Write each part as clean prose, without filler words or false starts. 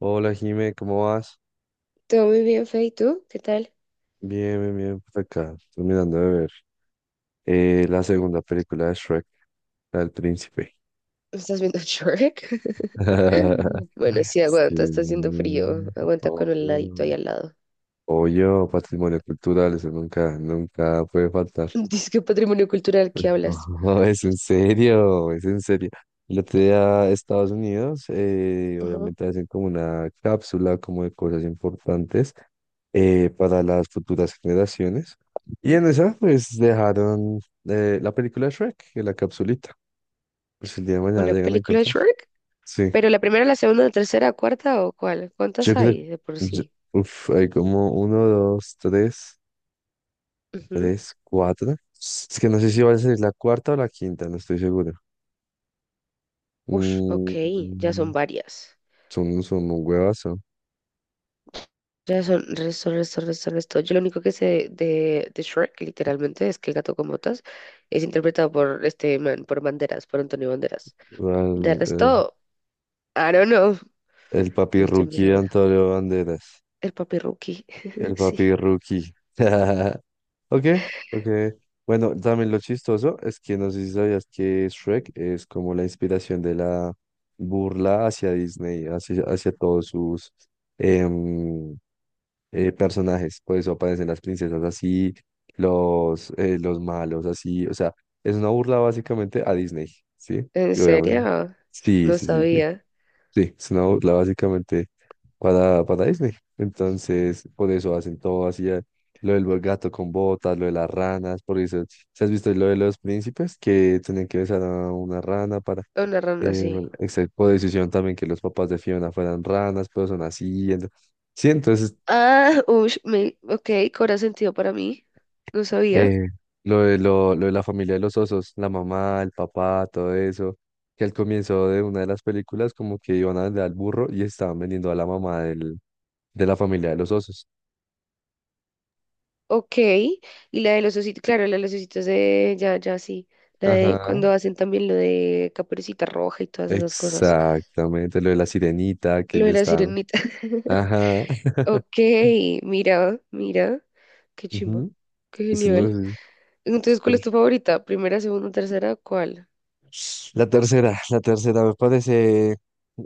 Hola Jime, ¿cómo vas? Todo muy bien, Fe, ¿y tú? ¿Qué tal? Bien, bien, bien, por acá, terminando de ver la segunda película de Shrek, la del príncipe. ¿No ¿Estás viendo Shrek? Bueno, sí, Sí, aguanta, está haciendo frío. Aguanta con el ladito obvio. ahí al lado. Obvio, patrimonio cultural, eso nunca, nunca puede faltar. Dice que patrimonio cultural, ¿qué No, hablas? es en serio, es en serio. El otro día a Estados Unidos, Ajá. obviamente hacen como una cápsula como de cosas importantes para las futuras generaciones. Y ¿Mm? en esa, pues dejaron la película de Shrek en la capsulita. Pues el día de mañana ¿Una llegan a película de encontrar. Shrek? Sí, ¿Pero la primera, la segunda, la tercera, cuarta o cuál? yo ¿Cuántas creo. hay de por yo- sí? Uf, hay como uno, dos, tres, Ujú. tres, cuatro. Es que no sé si va a ser la cuarta o la quinta, no estoy seguro. Ush, ok, ya son Mm, varias. son un huevazo. Ya son resto, resto, resto, resto. Yo lo único que sé de Shrek, literalmente, es que el gato con botas es interpretado por este man, por Banderas, por Antonio Banderas. O sea, De El, el- resto. I don't know. el No papi estoy muy rookie de segura. Antonio Banderas. El papi Rookie. El Sí. papi rookie. Ok, ok. Bueno, también lo chistoso es que no sé si sabías que Shrek es como la inspiración de la burla hacia Disney, hacia, hacia todos sus em, personajes. Por eso aparecen las princesas así, los malos así. O sea, es una burla básicamente a Disney, ¿sí? ¿En Y obviamente. serio? Sí, No sí, sí, sí. sabía. Sí, es una burla básicamente para Disney. Entonces, por eso hacen todo así, lo del gato con botas, lo de las ranas, por eso, ¿si has visto lo de los príncipes que tenían que besar a una rana para, Una rana eh, así. excepto por decisión también que los papás de Fiona fueran ranas, pero son así? Sí, entonces, Ah, ush, me, ok, cobra sentido para mí. No sabía. eh, lo de la familia de los osos, la mamá, el papá, todo eso, que al comienzo de una de las películas como que iban a vender al burro y estaban vendiendo a la mamá del de la familia de los osos. Ok. Y la de los ositos, claro, la de los ositos de. Ya, ya, sí. La de Ajá, cuando hacen también lo de Caperucita Roja y todas esas cosas. exactamente. Lo de la sirenita que Lo le de la están. sirenita. Ajá. Ok, mira, mira. Qué chimba. Ujú, Qué eso no es- genial. uno- es Entonces, ¿cuál es súper- tu favorita? ¿Primera, segunda, tercera? ¿Cuál? la tercera, la tercera me parece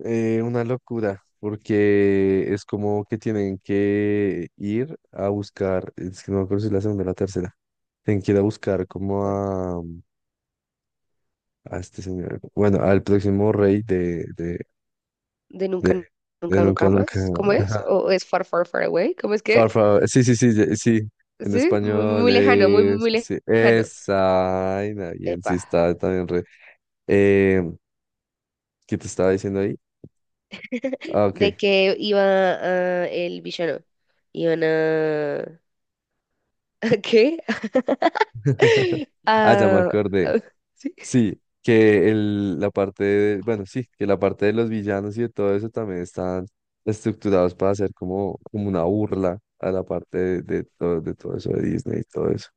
una locura, porque es como que tienen que ir a buscar, es que no me acuerdo si es la segunda o la tercera, tienen que ir a buscar como ¿Cuál? A este señor, bueno, al próximo rey de, De de, nunca, de nunca, Nunca nunca Nunca, más. ¿Cómo es? ¿O es far, far, far away? ¿Cómo es que es? Sí, sí, sí, sí. En Sí, muy, muy, español muy lejano, muy, muy, es, muy sí, lejano. esa, ay, bien, sí Epa. está también re. Eh, ¿Qué te estaba diciendo ahí? Ah, De ok. que iba el villano. Iban a... ¿A qué? Ah, ya me A- acordé. a- sí. Sí, que el, la parte de, bueno, sí, que la parte de los villanos y de todo eso también están estructurados para hacer como, como una burla a la parte de, de todo eso de Disney y todo eso.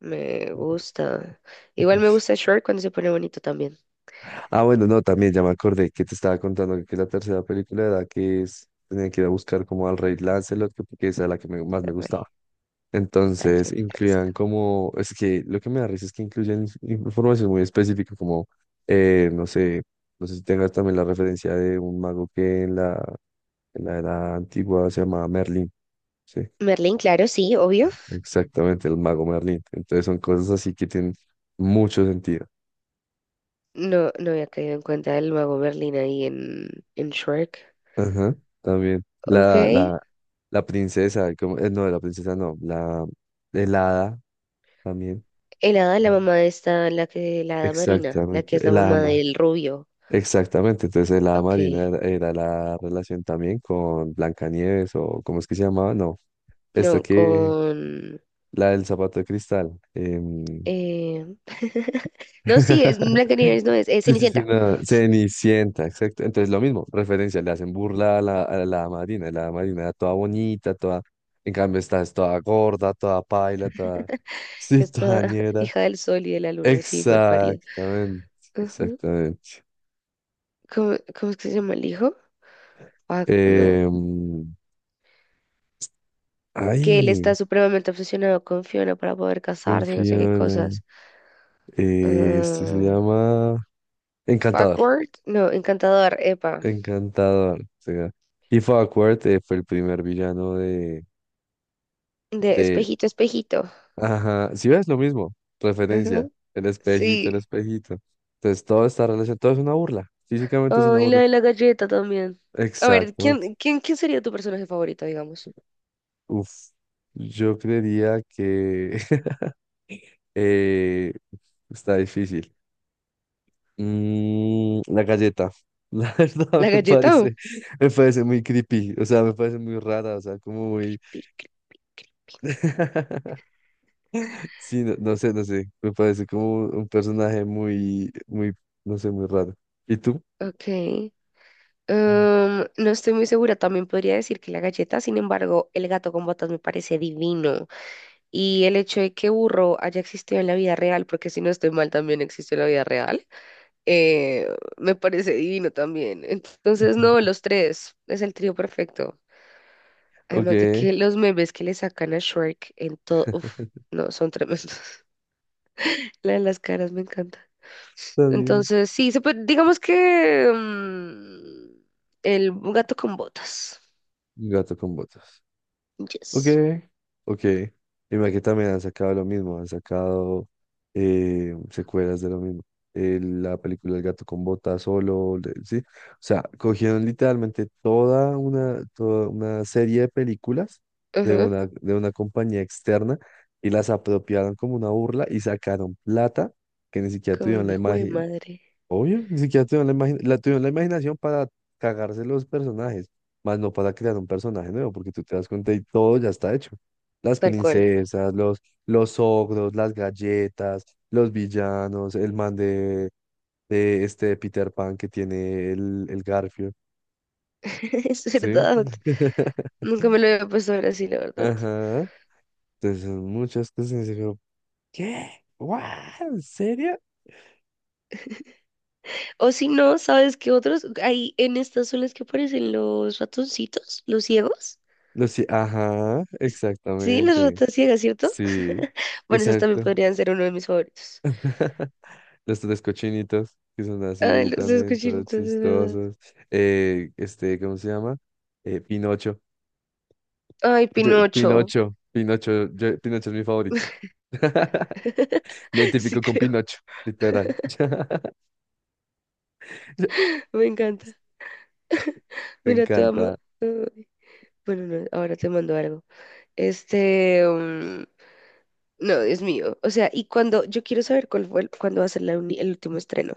Me gusta. Igual me gusta Shrek cuando se pone bonito también. Ah, bueno, no, también ya me acordé que te estaba contando que la tercera película era que es, tenía que ir a buscar como al rey Lancelot, que porque esa era la que más me Ay, gustaba. al Entonces, incluían reencarnárselo. como, es que lo que me da risa es que incluyen información muy específica, como, no sé, no sé si tengas también la referencia de un mago que en la era antigua se llamaba Merlín, sí, Merlín, claro, sí, obvio. exactamente, el mago Merlín. Entonces, son cosas así que tienen mucho sentido. No, no había caído en cuenta el mago Merlín ahí en Shrek. Ajá, también. Ok. La princesa, no, la princesa no, la, el hada también. El hada, Sí. la mamá de esta, la que, la hada marina, la Exactamente, que es la el hada, mamá del rubio. exactamente. Entonces, el hada Ok. marina era la relación también con Blancanieves o, ¿cómo es que se llamaba? No, esta No, que, con. la del zapato de cristal. Eh, No, sí, es Blancanieves, no es, es Sí, sí, sí, Cenicienta. no, Cenicienta, exacto. Entonces, lo mismo, referencia, le hacen burla a la Marina, y la Marina era toda bonita, toda. En cambio, esta es toda gorda, toda paila, toda. Sí, Esta toda ñera. hija del sol y de la luna, sí, mal parida. Exactamente, Ujú. exactamente. ¿Cómo, cómo es que se llama el hijo? Ah, no. Em, Que él ay, está supremamente obsesionado con Fiona para poder qué casarse y no sé qué Fiona. cosas. Esto se Ah, llama Encantador. Fuckworth, no, encantador, epa. Encantador. O sea, If Awkward fue el primer villano de De de, espejito, espejito. ajá, si ves lo mismo, Ajá, referencia, el espejito, el sí. espejito. Entonces todo está relacionado, todo es una burla, físicamente es Oh, una y la burla. de la galleta también. A ver, Exactamente. ¿quién, quién, quién sería tu personaje favorito, digamos? Uf, yo creería que eh, está difícil. La galleta, la verdad ¿La me galleta o parece, me parece muy creepy, o sea, me parece muy rara, o sea, como muy... Piccolo? Sí, no, no sé, me parece como un personaje muy, muy, no sé, muy raro. ¿Y tú? Ok. No estoy muy segura. También podría decir que la galleta, sin embargo, el gato con botas me parece divino. Y el hecho de que Burro haya existido en la vida real, porque si no estoy mal, también existe en la vida real, eh, me parece divino también. Entonces, no, los tres. Es el trío perfecto. Además de Ok, que los memes que le sacan a Shrek en todo. Uf, no, son tremendos. La de las caras me encanta. está bien. Entonces, sí, se puede, digamos que el gato con botas. Gato con botas. Ok, Yes. ok. Y mira que también han sacado lo mismo, han sacado secuelas de lo mismo. La película El gato con botas solo, ¿sí? O sea, cogieron literalmente toda una serie de películas de Ajá. una, de una compañía externa y las apropiaron como una burla y sacaron plata que ni siquiera Como tuvieron el la hijo de imagen. madre. Obvio, ni siquiera tuvieron la imaginación para cagarse los personajes, más no para crear un personaje nuevo, porque tú te das cuenta y todo ya está hecho. Las Tal cual. princesas, los ogros, las galletas, los villanos, el man de este de Peter Pan que tiene el Garfio, Es ¿sí? verdad. Nunca me lo había puesto a ver así, la verdad. Ajá. Entonces son muchas cosas y digo, ¿qué? ¿What? ¿En serio? O si no, ¿sabes qué otros? Hay en estas son las que aparecen los ratoncitos, los ciegos. No, sí, ajá, S- sí, las exactamente. ratas ciegas, ¿cierto? Sí, Bueno, esas también exacto. podrían ser uno de mis favoritos. Las tres cochinitas, que son Ay, así los también, escuché, todas entonces, ¿verdad? chistosas. Este, ¿cómo se llama? Pinocho. Ay, Pinocho. Pinocho, Pinocho, Pinocho es mi favorito. Me Sí, identifico con Pinocho, literal. me encanta. Me Mira, te amo. encanta. eh, Bueno, no, ahora te mando algo. Este, mm, no, Dios mío. O sea, y cuando, yo quiero saber cuál fue, el- cuándo va a ser la uni- el último estreno.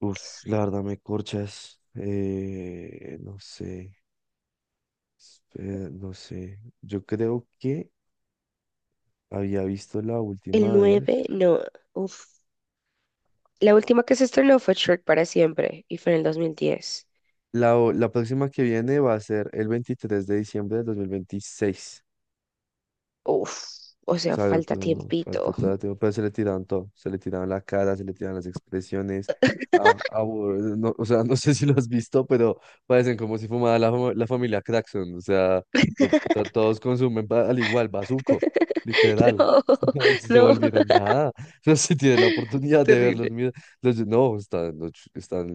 Uf, la verdad me corchas. No sé, espera, no sé. Yo creo que había visto la El última vez. 9, no, uf. La última que se estrenó fue Shrek para siempre y fue en el 2010. La próxima que viene va a ser el 23 de diciembre de 2026. Uf, o sea, Claro, falta todo, falta tiempito. todo, todo, pero se le tiraban todo, se le tiraban la cara, se le tiraban las expresiones, no, o sea, no sé si lo has visto, pero parecen como si fumara la, la familia Craxon, o sea, fue puta, todos consumen al igual, bazuco, literal, no, si se No, no, volvieron nada, no sé si tienes la oportunidad de terrible. verlos, mira, los, no, están, los están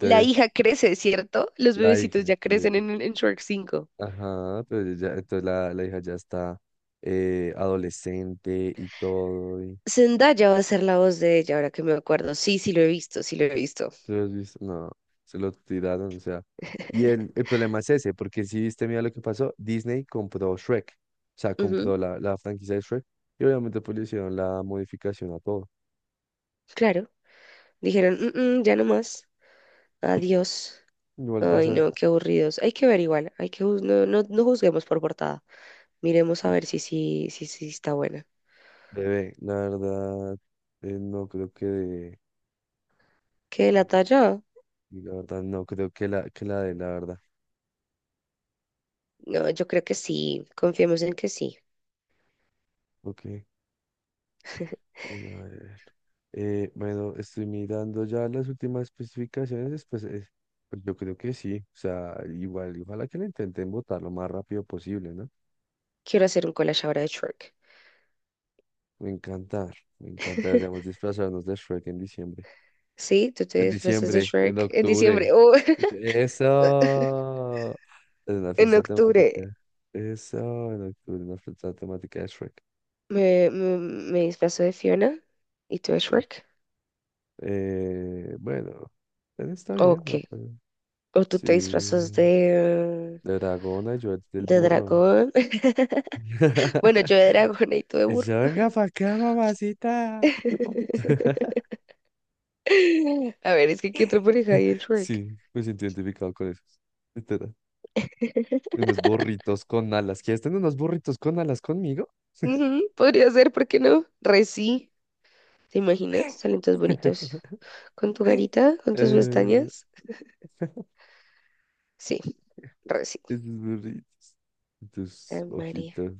La hija crece, ¿cierto? Los la bebecitos hija, ya crecen en Shrek 5. ajá, pero ya, entonces la hija ya está adolescente y todo. Zendaya va a ser la voz de ella, ahora que me acuerdo. Sí, sí lo he visto, sí lo he visto. ¿Tú lo has visto? No, se lo tiraron, o sea. Y el problema es ese, porque si viste, mira lo que pasó, Disney compró Shrek, o sea, Ujú, compró la, la franquicia de Shrek, y obviamente pues le hicieron la modificación a todo. claro. Dijeron, "Mm, mm, ya no más. Adiós. Igual vas Ay, a ver, no, qué aburridos. Hay que ver igual. Hay que juz- no, no, no juzguemos por portada. Miremos a y, ver si sí si, si, está buena. bebé, la verdad, no creo que de, o ¿Qué sea, la talla? la verdad, no creo que la de la verdad, No, yo creo que sí. Confiemos en que sí. ok. Bueno, a ver. Bueno, estoy mirando ya las últimas especificaciones, pues, pues yo creo que sí. O sea, igual, ojalá que lo intenten votar lo más rápido posible, ¿no? Quiero hacer un collage ahora de Shrek. Me encanta, me encanta. Deberíamos disfrazarnos de Shrek en diciembre. Sí, tú te En disfrazas de diciembre, en Shrek en octubre. diciembre o Eso. En una en fiesta octubre. temática. Eso, en octubre, una fiesta temática de Shrek. Me disfrazo de Fiona y tú de Eh, Shrek. Bueno, está bien. Ok. ¿No? Pero O tú sí. te disfrazas Dragona, yo el del de burro. dragón. Bueno, yo de dragona y tú de burro. Eso, venga para acá, mamacita. A ver, es que ¿qué otra pareja hay en Shrek? Sí, me siento identificado con eso. Literal. Unos burritos con alas. ¿Quieres tener unos burritos con alas conmigo? Ujú, podría ser, ¿por qué no? Re sí. ¿Te imaginas? Salen todos bonitos. Con tu garita, con tus Eh, pestañas. Sí, re sí. esos burritos. Tus Ay, María. ojitos,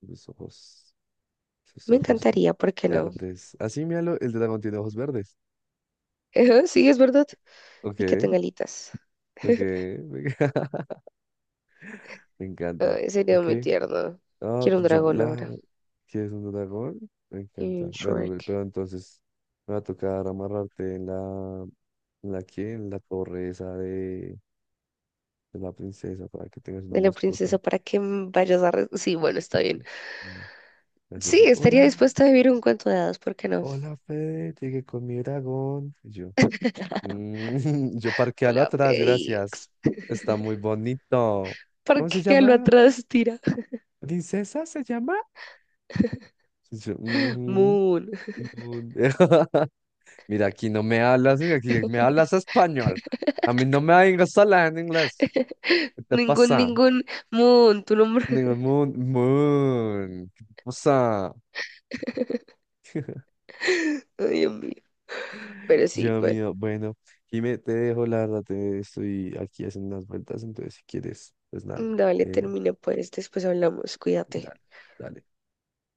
tus ojos, tus Me ojos encantaría, ¿por qué no? verdes. Así, míralo, el dragón tiene ojos verdes. Ajá, sí, es verdad. Y que Ok, tenga alitas. ok. Me encanta. Ay, sería Ok. muy tierno. Ah, Quiero un pues yo, dragón la ahora. que es un dragón, me Y encanta. un Bueno, Shrek. pero entonces me va a tocar amarrarte en la que, en la torre esa de la princesa para que tengas una De la mascota. princesa para que m- vayas a... re- sí, bueno, está bien. Mm, Es Sí, así, estaría hola, dispuesta a vivir un cuento de hadas, ¿por qué no? hola Fede, llegué con mi dragón. Y yo, "Mm, yo parquealo Hola, atrás, gracias." Félix. Está muy bonito. ¿Por ¿Cómo se qué lo llama? atrás tira? ¿Princesa se llama? Y yo, "Ujú". Moon. Mira, aquí no me hablas, aquí me hablas español. A mí no me vengas a hablar en inglés. ¿Qué te Ningún, pasa? ningún. Moon, tu nombre. Digo, moon, moon. ¿Qué te pasa? Ay, Dios mío. Pero sí, Dios bueno. mío, bueno, Jimé, te dejo, la verdad, te estoy aquí haciendo unas vueltas, entonces si quieres, pues nada, Dale, eh, termina pues. Después hablamos. Cuídate. dale, dale.